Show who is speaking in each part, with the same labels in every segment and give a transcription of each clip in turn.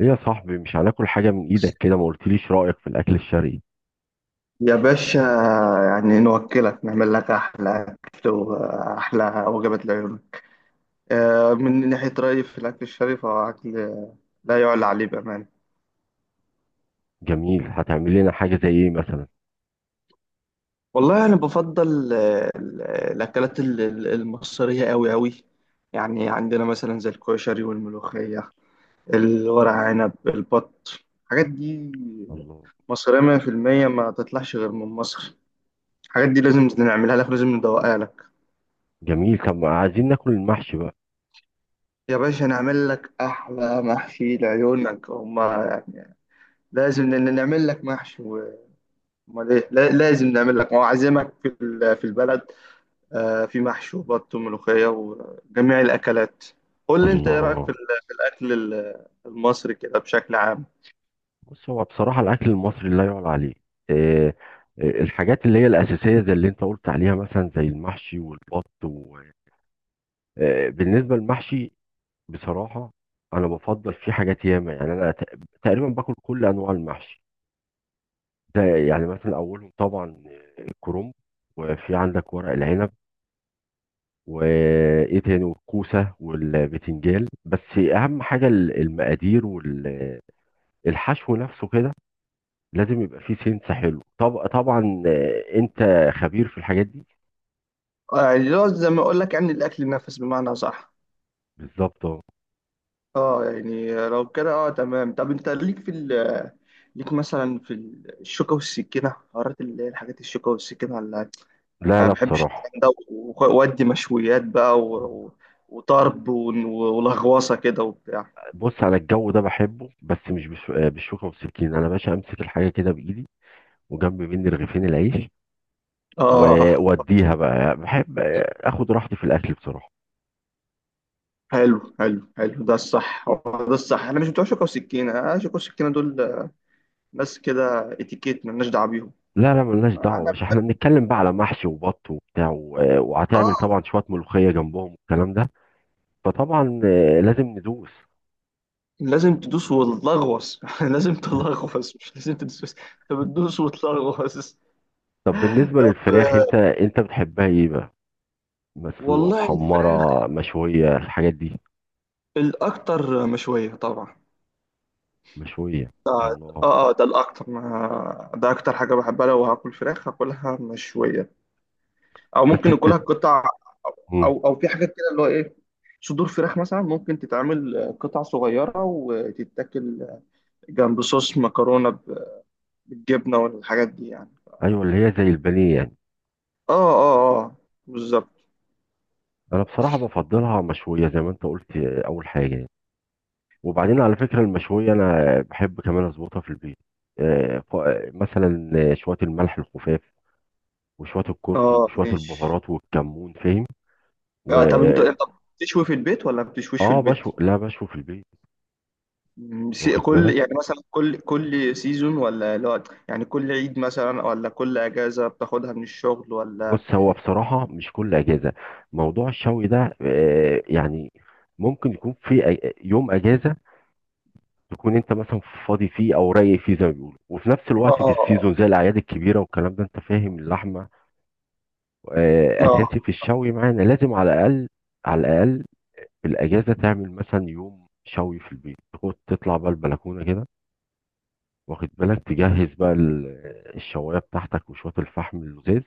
Speaker 1: ايه يا صاحبي، مش هناكل حاجة من ايدك كده؟ ما قلتليش رأيك في الاكل الشرقي.
Speaker 2: يا باشا، يعني نوكلك، نعمل لك أحلى أكل وأحلى وجبات العيون. من ناحية رأيي في الأكل الشرقي، فهو أكل لا يعلى عليه بأمانة.
Speaker 1: جميل. هتعمل لنا حاجة زي ايه مثلا؟
Speaker 2: والله أنا بفضل الأكلات المصرية أوي أوي. يعني عندنا مثلا زي الكشري والملوخية، الورق عنب، البط، الحاجات دي
Speaker 1: الله.
Speaker 2: مصرية 100% ما تطلعش غير من مصر. الحاجات دي لازم نعملها لك، لازم ندوقها لك.
Speaker 1: جميل. طب ما عايزين ناكل المحشي بقى.
Speaker 2: يا باشا، نعمل لك أحلى محشي لعيونك هما، يعني لازم نعمل لك محشي أمال إيه، لازم نعمل لك وأعزمك في البلد. في محشي وبط وملوخية وجميع الأكلات. قول لي أنت، إيه رأيك
Speaker 1: الله.
Speaker 2: في الأكل المصري كده بشكل عام؟
Speaker 1: بص، هو بصراحة الاكل المصري لا يعلى عليه. إيه. الحاجات اللي هي الاساسية زي اللي انت قلت عليها مثلا زي المحشي والبط إيه بالنسبة للمحشي؟ بصراحة، انا بفضل فيه حاجات ياما. يعني انا تقريبا باكل كل انواع المحشي. ده يعني مثلا اولهم طبعا الكرنب، وفي عندك ورق العنب، وايه تاني، والكوسه والبتنجان. بس اهم حاجه المقادير، والحشو نفسه كده. لازم يبقى فيه سنس حلو. طب طبعا انت خبير في الحاجات دي.
Speaker 2: يعني لو زي ما أقول لك، يعني الأكل نفس بمعنى صح.
Speaker 1: بالظبط، اه.
Speaker 2: أه، يعني لو كده أه تمام. طب أنت ليك ليك مثلا في الشوكة والسكينة، حوارات اللي هي الحاجات الشوكة والسكينة. انا
Speaker 1: لا،
Speaker 2: ما
Speaker 1: لا،
Speaker 2: بحبش
Speaker 1: بصراحه.
Speaker 2: الكلام ده، وادي مشويات بقى وطرب ولغوصه كده وبتاع.
Speaker 1: بص، انا الجو ده بحبه، بس مش بالشوكه والسكين. انا باشا امسك الحاجه كده بايدي، وجنب مني رغيفين العيش،
Speaker 2: اه،
Speaker 1: ووديها بقى. بحب اخد راحتي في الاكل بصراحه.
Speaker 2: حلو حلو حلو، ده الصح، هو ده الصح. احنا مش بتوع شوكه وسكينه، شوكه وسكينه دول ناس كده اتيكيت، مالناش دعوه بيهم.
Speaker 1: لا، لا، ملناش دعوة يا
Speaker 2: احنا،
Speaker 1: باشا، احنا بنتكلم بقى على محشي وبط وبتاع وهتعمل طبعا
Speaker 2: اه،
Speaker 1: شوية ملوخية جنبهم والكلام ده. فطبعا لازم ندوس.
Speaker 2: لازم تدوس وتلغوص لازم تلغوص، مش لازم تدوس، بس انت بتدوس وتلغوص.
Speaker 1: طب بالنسبة
Speaker 2: طب،
Speaker 1: للفراخ، انت بتحبها ايه بقى؟ مسلوقة،
Speaker 2: والله الفراخ
Speaker 1: محمرة، مشوية، الحاجات دي؟
Speaker 2: الاكتر مشويه طبعا.
Speaker 1: مشوية. الله.
Speaker 2: اه اه، ده الاكتر، ما ده اكتر حاجه بحبها. لو هاكل فراخ هاكلها مشويه، او
Speaker 1: بس
Speaker 2: ممكن اكلها قطع.
Speaker 1: مم.
Speaker 2: او في حاجات كده اللي هو ايه، صدور فراخ مثلا ممكن تتعمل قطع صغيره وتتاكل جنب صوص مكرونه بالجبنه والحاجات دي يعني.
Speaker 1: ايوه، اللي هي زي البانيه يعني.
Speaker 2: اه اه اه، بالظبط،
Speaker 1: انا بصراحة بفضلها مشوية زي ما انت قلت، اول حاجة يعني. وبعدين على فكرة المشوية، انا بحب كمان اظبطها في البيت. آه، ف- مثلا شوية الملح الخفاف، وشوية الكركم
Speaker 2: اه،
Speaker 1: وشوية
Speaker 2: ماشي.
Speaker 1: البهارات والكمون، فاهم؟ و
Speaker 2: طب، انت بتشوي في البيت ولا ما بتشويش في
Speaker 1: اه،
Speaker 2: البيت؟
Speaker 1: بشوي. لا، بشوي في البيت. واخد
Speaker 2: كل،
Speaker 1: بالك.
Speaker 2: يعني مثلا كل سيزون ولا لا؟ يعني كل عيد مثلا، ولا كل اجازه بتاخدها من الشغل، ولا؟
Speaker 1: بص، هو بصراحة مش كل أجازة. موضوع الشوي ده يعني، ممكن يكون في يوم أجازة، تكون أنت مثلا فاضي فيه أو رايق فيه زي ما بيقولوا، وفي نفس الوقت في
Speaker 2: اه
Speaker 1: السيزون زي الأعياد الكبيرة والكلام ده. أنت فاهم، اللحمة أساسي
Speaker 2: اه،
Speaker 1: في الشوي معانا. لازم على الأقل، على الأقل في الأجازة تعمل مثلا يوم شوي في البيت. تطلع بقى البلكونة كده، واخد بالك، تجهز بقى الشوايه بتاعتك وشويه الفحم اللزاز،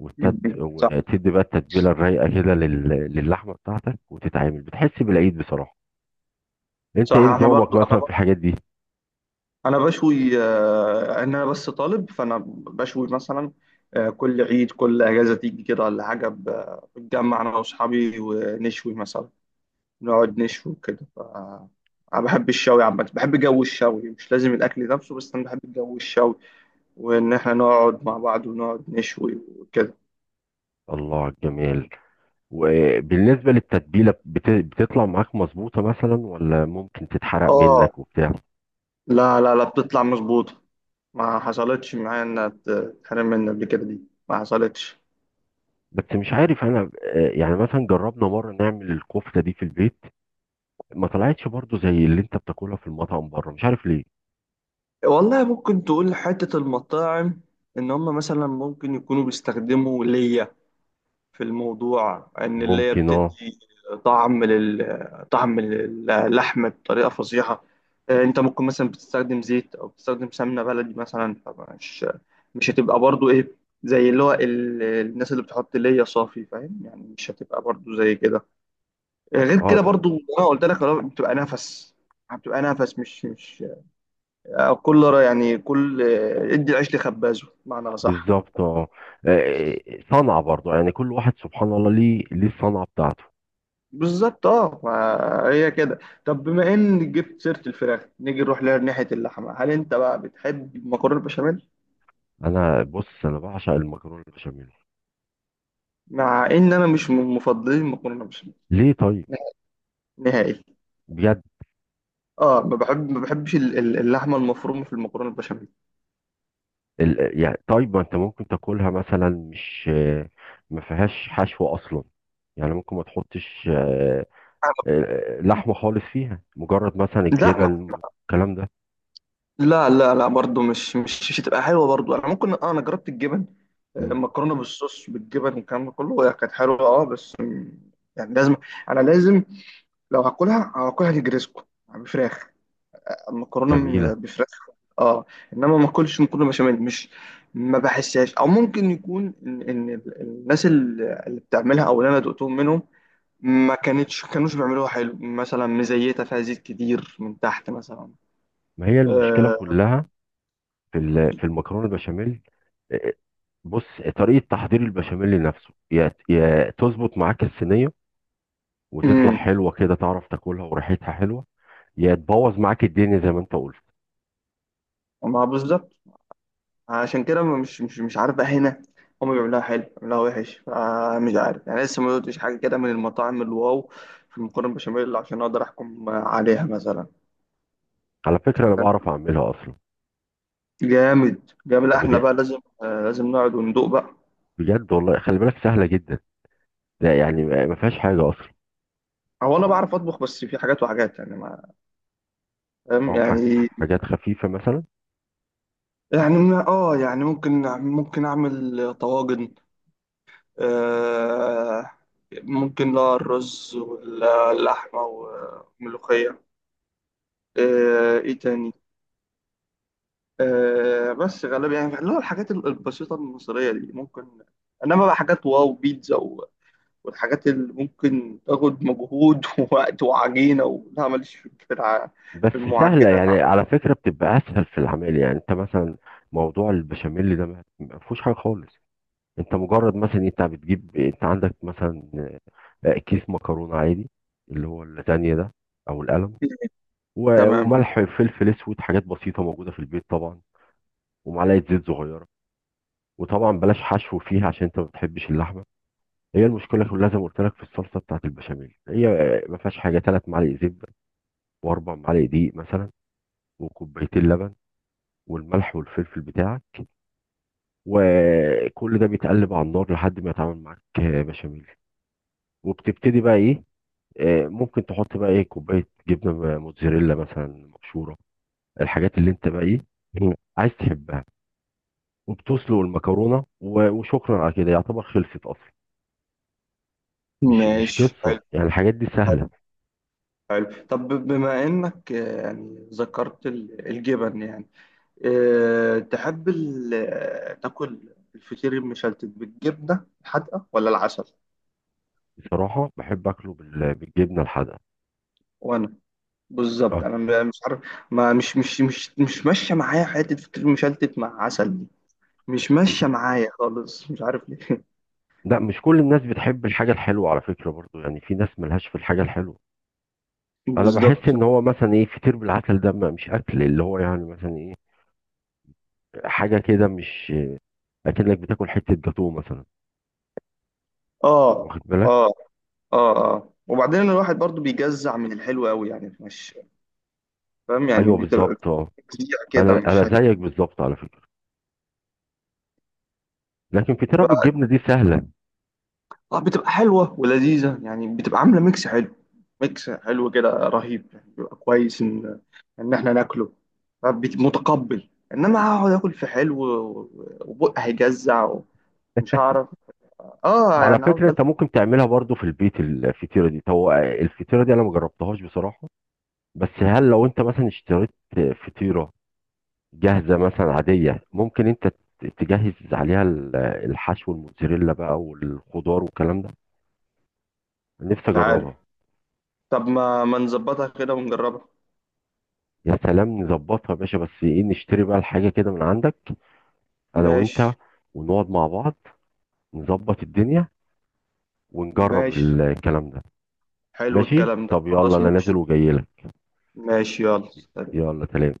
Speaker 2: م-م. صح.
Speaker 1: وتدي بقى التتبيله الرايقه كده للحمه بتاعتك، وتتعامل بتحس بالعيد بصراحه.
Speaker 2: صح،
Speaker 1: انت ايه
Speaker 2: احنا برضو
Speaker 1: نظامك مثلا
Speaker 2: انا
Speaker 1: في الحاجات دي؟
Speaker 2: انا بشوي، انا بس طالب، فانا بشوي مثلا. كل عيد، كل اجازه تيجي كده ولا حاجه، بتجمع انا واصحابي ونشوي مثلا. نقعد نشوي كده انا بحب الشوي عامه، بحب جو الشوي مش لازم الاكل نفسه، بس انا بحب جو الشوي، وان احنا نقعد مع بعض ونقعد نشوي وكده.
Speaker 1: الله على الجمال. وبالنسبه للتتبيله، بتطلع معاك مظبوطه مثلا ولا ممكن تتحرق
Speaker 2: اه،
Speaker 1: منك وبتاع؟
Speaker 2: لا لا لا، بتطلع مظبوطه. ما حصلتش معايا انها تتحرم مني قبل كده دي، ما حصلتش.
Speaker 1: بس مش عارف انا، يعني مثلا جربنا مره نعمل الكفته دي في البيت. ما طلعتش برضو زي اللي انت بتاكلها في المطعم بره. مش عارف ليه.
Speaker 2: والله، ممكن تقول حتة المطاعم، إن هم مثلا ممكن يكونوا بيستخدموا ليا في الموضوع، إن الليا
Speaker 1: ممكن، اه.
Speaker 2: بتدي طعم، طعم للحم بطريقة فظيعة. أنت ممكن مثلا بتستخدم زيت أو بتستخدم سمنة بلدي مثلا، مش هتبقى برضو إيه، زي اللي هو الناس اللي بتحط ليا صافي، فاهم يعني، مش هتبقى برضو زي كده. غير كده
Speaker 1: اه،
Speaker 2: برضو أنا قلت لك، بتبقى نفس. مش مش كل را- يعني كل ادي العيش لخبازه بمعنى صح.
Speaker 1: بالظبط، اه. آه، صنعة برضو، يعني كل واحد سبحان الله ليه الصنعة بتاعته.
Speaker 2: بالظبط، اه، ما هي كده. طب بما ان جبت سيره الفراخ، نيجي نروح لها ناحيه اللحمه، هل انت بقى بتحب المكرونه البشاميل؟
Speaker 1: بص، انا بعشق المكرونة البشاميل.
Speaker 2: مع ان انا مش من مفضلين المكرونه البشاميل
Speaker 1: ليه طيب؟
Speaker 2: نهائي.
Speaker 1: بجد؟
Speaker 2: اه، ما بحبش اللحمه المفرومه في المكرونه البشاميل.
Speaker 1: يعني طيب، ما انت ممكن تاكلها مثلا، مش؟ ما فيهاش حشو اصلا. يعني ممكن ما تحطش لحمة خالص فيها، مجرد مثلا
Speaker 2: لا،
Speaker 1: الجبن، الكلام ده.
Speaker 2: لا لا لا، برضه مش هتبقى حلوه برضه. انا ممكن، انا جربت الجبن،
Speaker 1: مم،
Speaker 2: مكرونه بالصوص بالجبن والكلام ده كله، هي كانت حلوه اه، بس يعني لازم، انا لازم، لو هاكلها هاكلها نجريسكو بفراخ، مكرونه
Speaker 1: جميلة.
Speaker 2: بفراخ. اه، انما ما اكلش مكرونه بشاميل، مش ما بحسهاش. او ممكن يكون إن الناس اللي بتعملها، او اللي انا دقتهم منهم، ما كانتش كانوش بيعملوها حلو مثلا، مزيته، فيها زيت كتير من تحت مثلا.
Speaker 1: ما هي المشكلة
Speaker 2: آه،
Speaker 1: كلها في المكرونة البشاميل. آه، بص، طريقة تحضير البشاميل نفسه، يا تظبط معاك الصينية وتطلع
Speaker 2: امم
Speaker 1: حلوة كده، تعرف تاكلها وريحتها حلوة، يا تبوظ معاك الدنيا زي ما انت قلت.
Speaker 2: ما بالظبط، عشان كده مش عارف بقى هنا، هم بيعملوها حلو بيعملوها وحش. مش عارف يعني، لسه ما دوتش حاجه كده من المطاعم الواو في المكرونه بشاميل، عشان اقدر احكم عليها مثلا.
Speaker 1: على فكرة انا بعرف اعملها اصلا.
Speaker 2: جامد جامد. لا، احنا
Speaker 1: بجد؟
Speaker 2: بقى لازم، نقعد وندوق بقى.
Speaker 1: بجد والله. خلي بالك سهلة جدا. لا يعني، ما فيهاش حاجة اصلا.
Speaker 2: هو انا بعرف اطبخ، بس في حاجات وحاجات يعني، ما، فاهم
Speaker 1: او
Speaker 2: يعني.
Speaker 1: حاجات خفيفة مثلا.
Speaker 2: يعني ممكن، اعمل طواجن. آه ممكن، لا، الرز واللحمه والملوخيه. ايه تاني؟ بس غالبا يعني، اللي هو الحاجات البسيطة المصرية دي ممكن. إنما بقى حاجات واو، بيتزا والحاجات اللي ممكن تاخد مجهود ووقت وعجينة لا، ماليش
Speaker 1: بس
Speaker 2: في
Speaker 1: سهلة
Speaker 2: المعجنات على
Speaker 1: يعني على فكرة، بتبقى اسهل في العمل. يعني انت مثلا موضوع البشاميل ده ما فيهوش حاجة خالص. انت مجرد مثلا، انت بتجيب، انت عندك مثلا كيس مكرونه عادي، اللي هو اللازانيا ده، او القلم،
Speaker 2: الكتير. تمام،
Speaker 1: وملح، فلفل اسود، حاجات بسيطه موجوده في البيت طبعا، ومعلقه زيت صغيره. وطبعا بلاش حشو فيها عشان انت ما بتحبش اللحمه. هي المشكله كلها زي ما قلت لك في الصلصه بتاعت البشاميل. هي ما فيهاش حاجه. ثلاث معالق زبده، واربع معالق دقيق مثلا، وكوبايتين لبن، والملح والفلفل بتاعك. وكل ده بيتقلب على النار لحد ما يتعامل معاك بشاميل. وبتبتدي بقى ايه، ممكن تحط بقى ايه كوبايه جبنه موتزاريلا مثلا مبشوره، الحاجات اللي انت بقى ايه عايز تحبها. وبتسلق المكرونه. وشكرا على كده، يعتبر خلصت اصلا. مش
Speaker 2: ماشي،
Speaker 1: قصه،
Speaker 2: حلو،
Speaker 1: يعني الحاجات دي
Speaker 2: حلو
Speaker 1: سهله.
Speaker 2: حلو. طب بما إنك يعني ذكرت الجبن، يعني أه، تحب تاكل الفطير المشلتت بالجبنة الحادقة ولا العسل؟
Speaker 1: بصراحه بحب اكله بالجبنه الحادقه.
Speaker 2: وأنا بالظبط،
Speaker 1: اه.
Speaker 2: انا مش عارف. ما مش ماشيه معايا حته فطير مشلتت مع عسل دي، مش
Speaker 1: لا،
Speaker 2: ماشيه معايا خالص، مش عارف ليه.
Speaker 1: لا، مش كل الناس بتحب الحاجه الحلوه على فكره برضو. يعني في ناس ملهاش في الحاجه الحلوه. انا
Speaker 2: بالظبط.
Speaker 1: بحس ان هو مثلا ايه، فطير بالعسل ده مش اكل، اللي هو يعني مثلا ايه، حاجه كده، مش اكنك بتاكل حته جاتوه مثلا.
Speaker 2: اه
Speaker 1: واخد بالك.
Speaker 2: اه اه اه، وبعدين الواحد برضو بيجزع من الحلو قوي، يعني مش، فاهم يعني،
Speaker 1: ايوه،
Speaker 2: بتبقى
Speaker 1: بالظبط، اه.
Speaker 2: تجزيع كده،
Speaker 1: انا
Speaker 2: مش.
Speaker 1: انا زيك بالظبط على فكره. لكن فطيره بالجبنه دي سهله.
Speaker 2: اه، بتبقى حلوة ولذيذة يعني، بتبقى عاملة ميكس حلو، ميكس حلو كده رهيب، يعني بيبقى كويس ان احنا ناكله. متقبل، انما هقعد اكل في حلو وبقى هيجزع ومش هعرف، اه
Speaker 1: وعلى
Speaker 2: يعني
Speaker 1: فكره
Speaker 2: هفضل.
Speaker 1: انت ممكن تعملها برضو في البيت الفطيره دي. طب الفطيره دي انا ما جربتهاش بصراحه. بس هل لو انت مثلا اشتريت فطيره جاهزه مثلا عاديه، ممكن انت تجهز عليها الحشو، الموتزاريلا بقى والخضار والكلام ده. نفسي
Speaker 2: مش عارف،
Speaker 1: اجربها.
Speaker 2: طب ما نظبطها كده ونجربها.
Speaker 1: يا سلام، نظبطها يا باشا، بس ايه نشتري بقى الحاجه كده من عندك. انا
Speaker 2: ماشي،
Speaker 1: وانت، ونقعد مع بعض، نظبط الدنيا، ونجرب
Speaker 2: ماشي،
Speaker 1: الكلام ده.
Speaker 2: حلو
Speaker 1: ماشي.
Speaker 2: الكلام ده،
Speaker 1: طب يلا
Speaker 2: خلاص،
Speaker 1: انا
Speaker 2: ماشي،
Speaker 1: نازل وجاي لك.
Speaker 2: ماشي، يلا سلام.
Speaker 1: يلا سلام.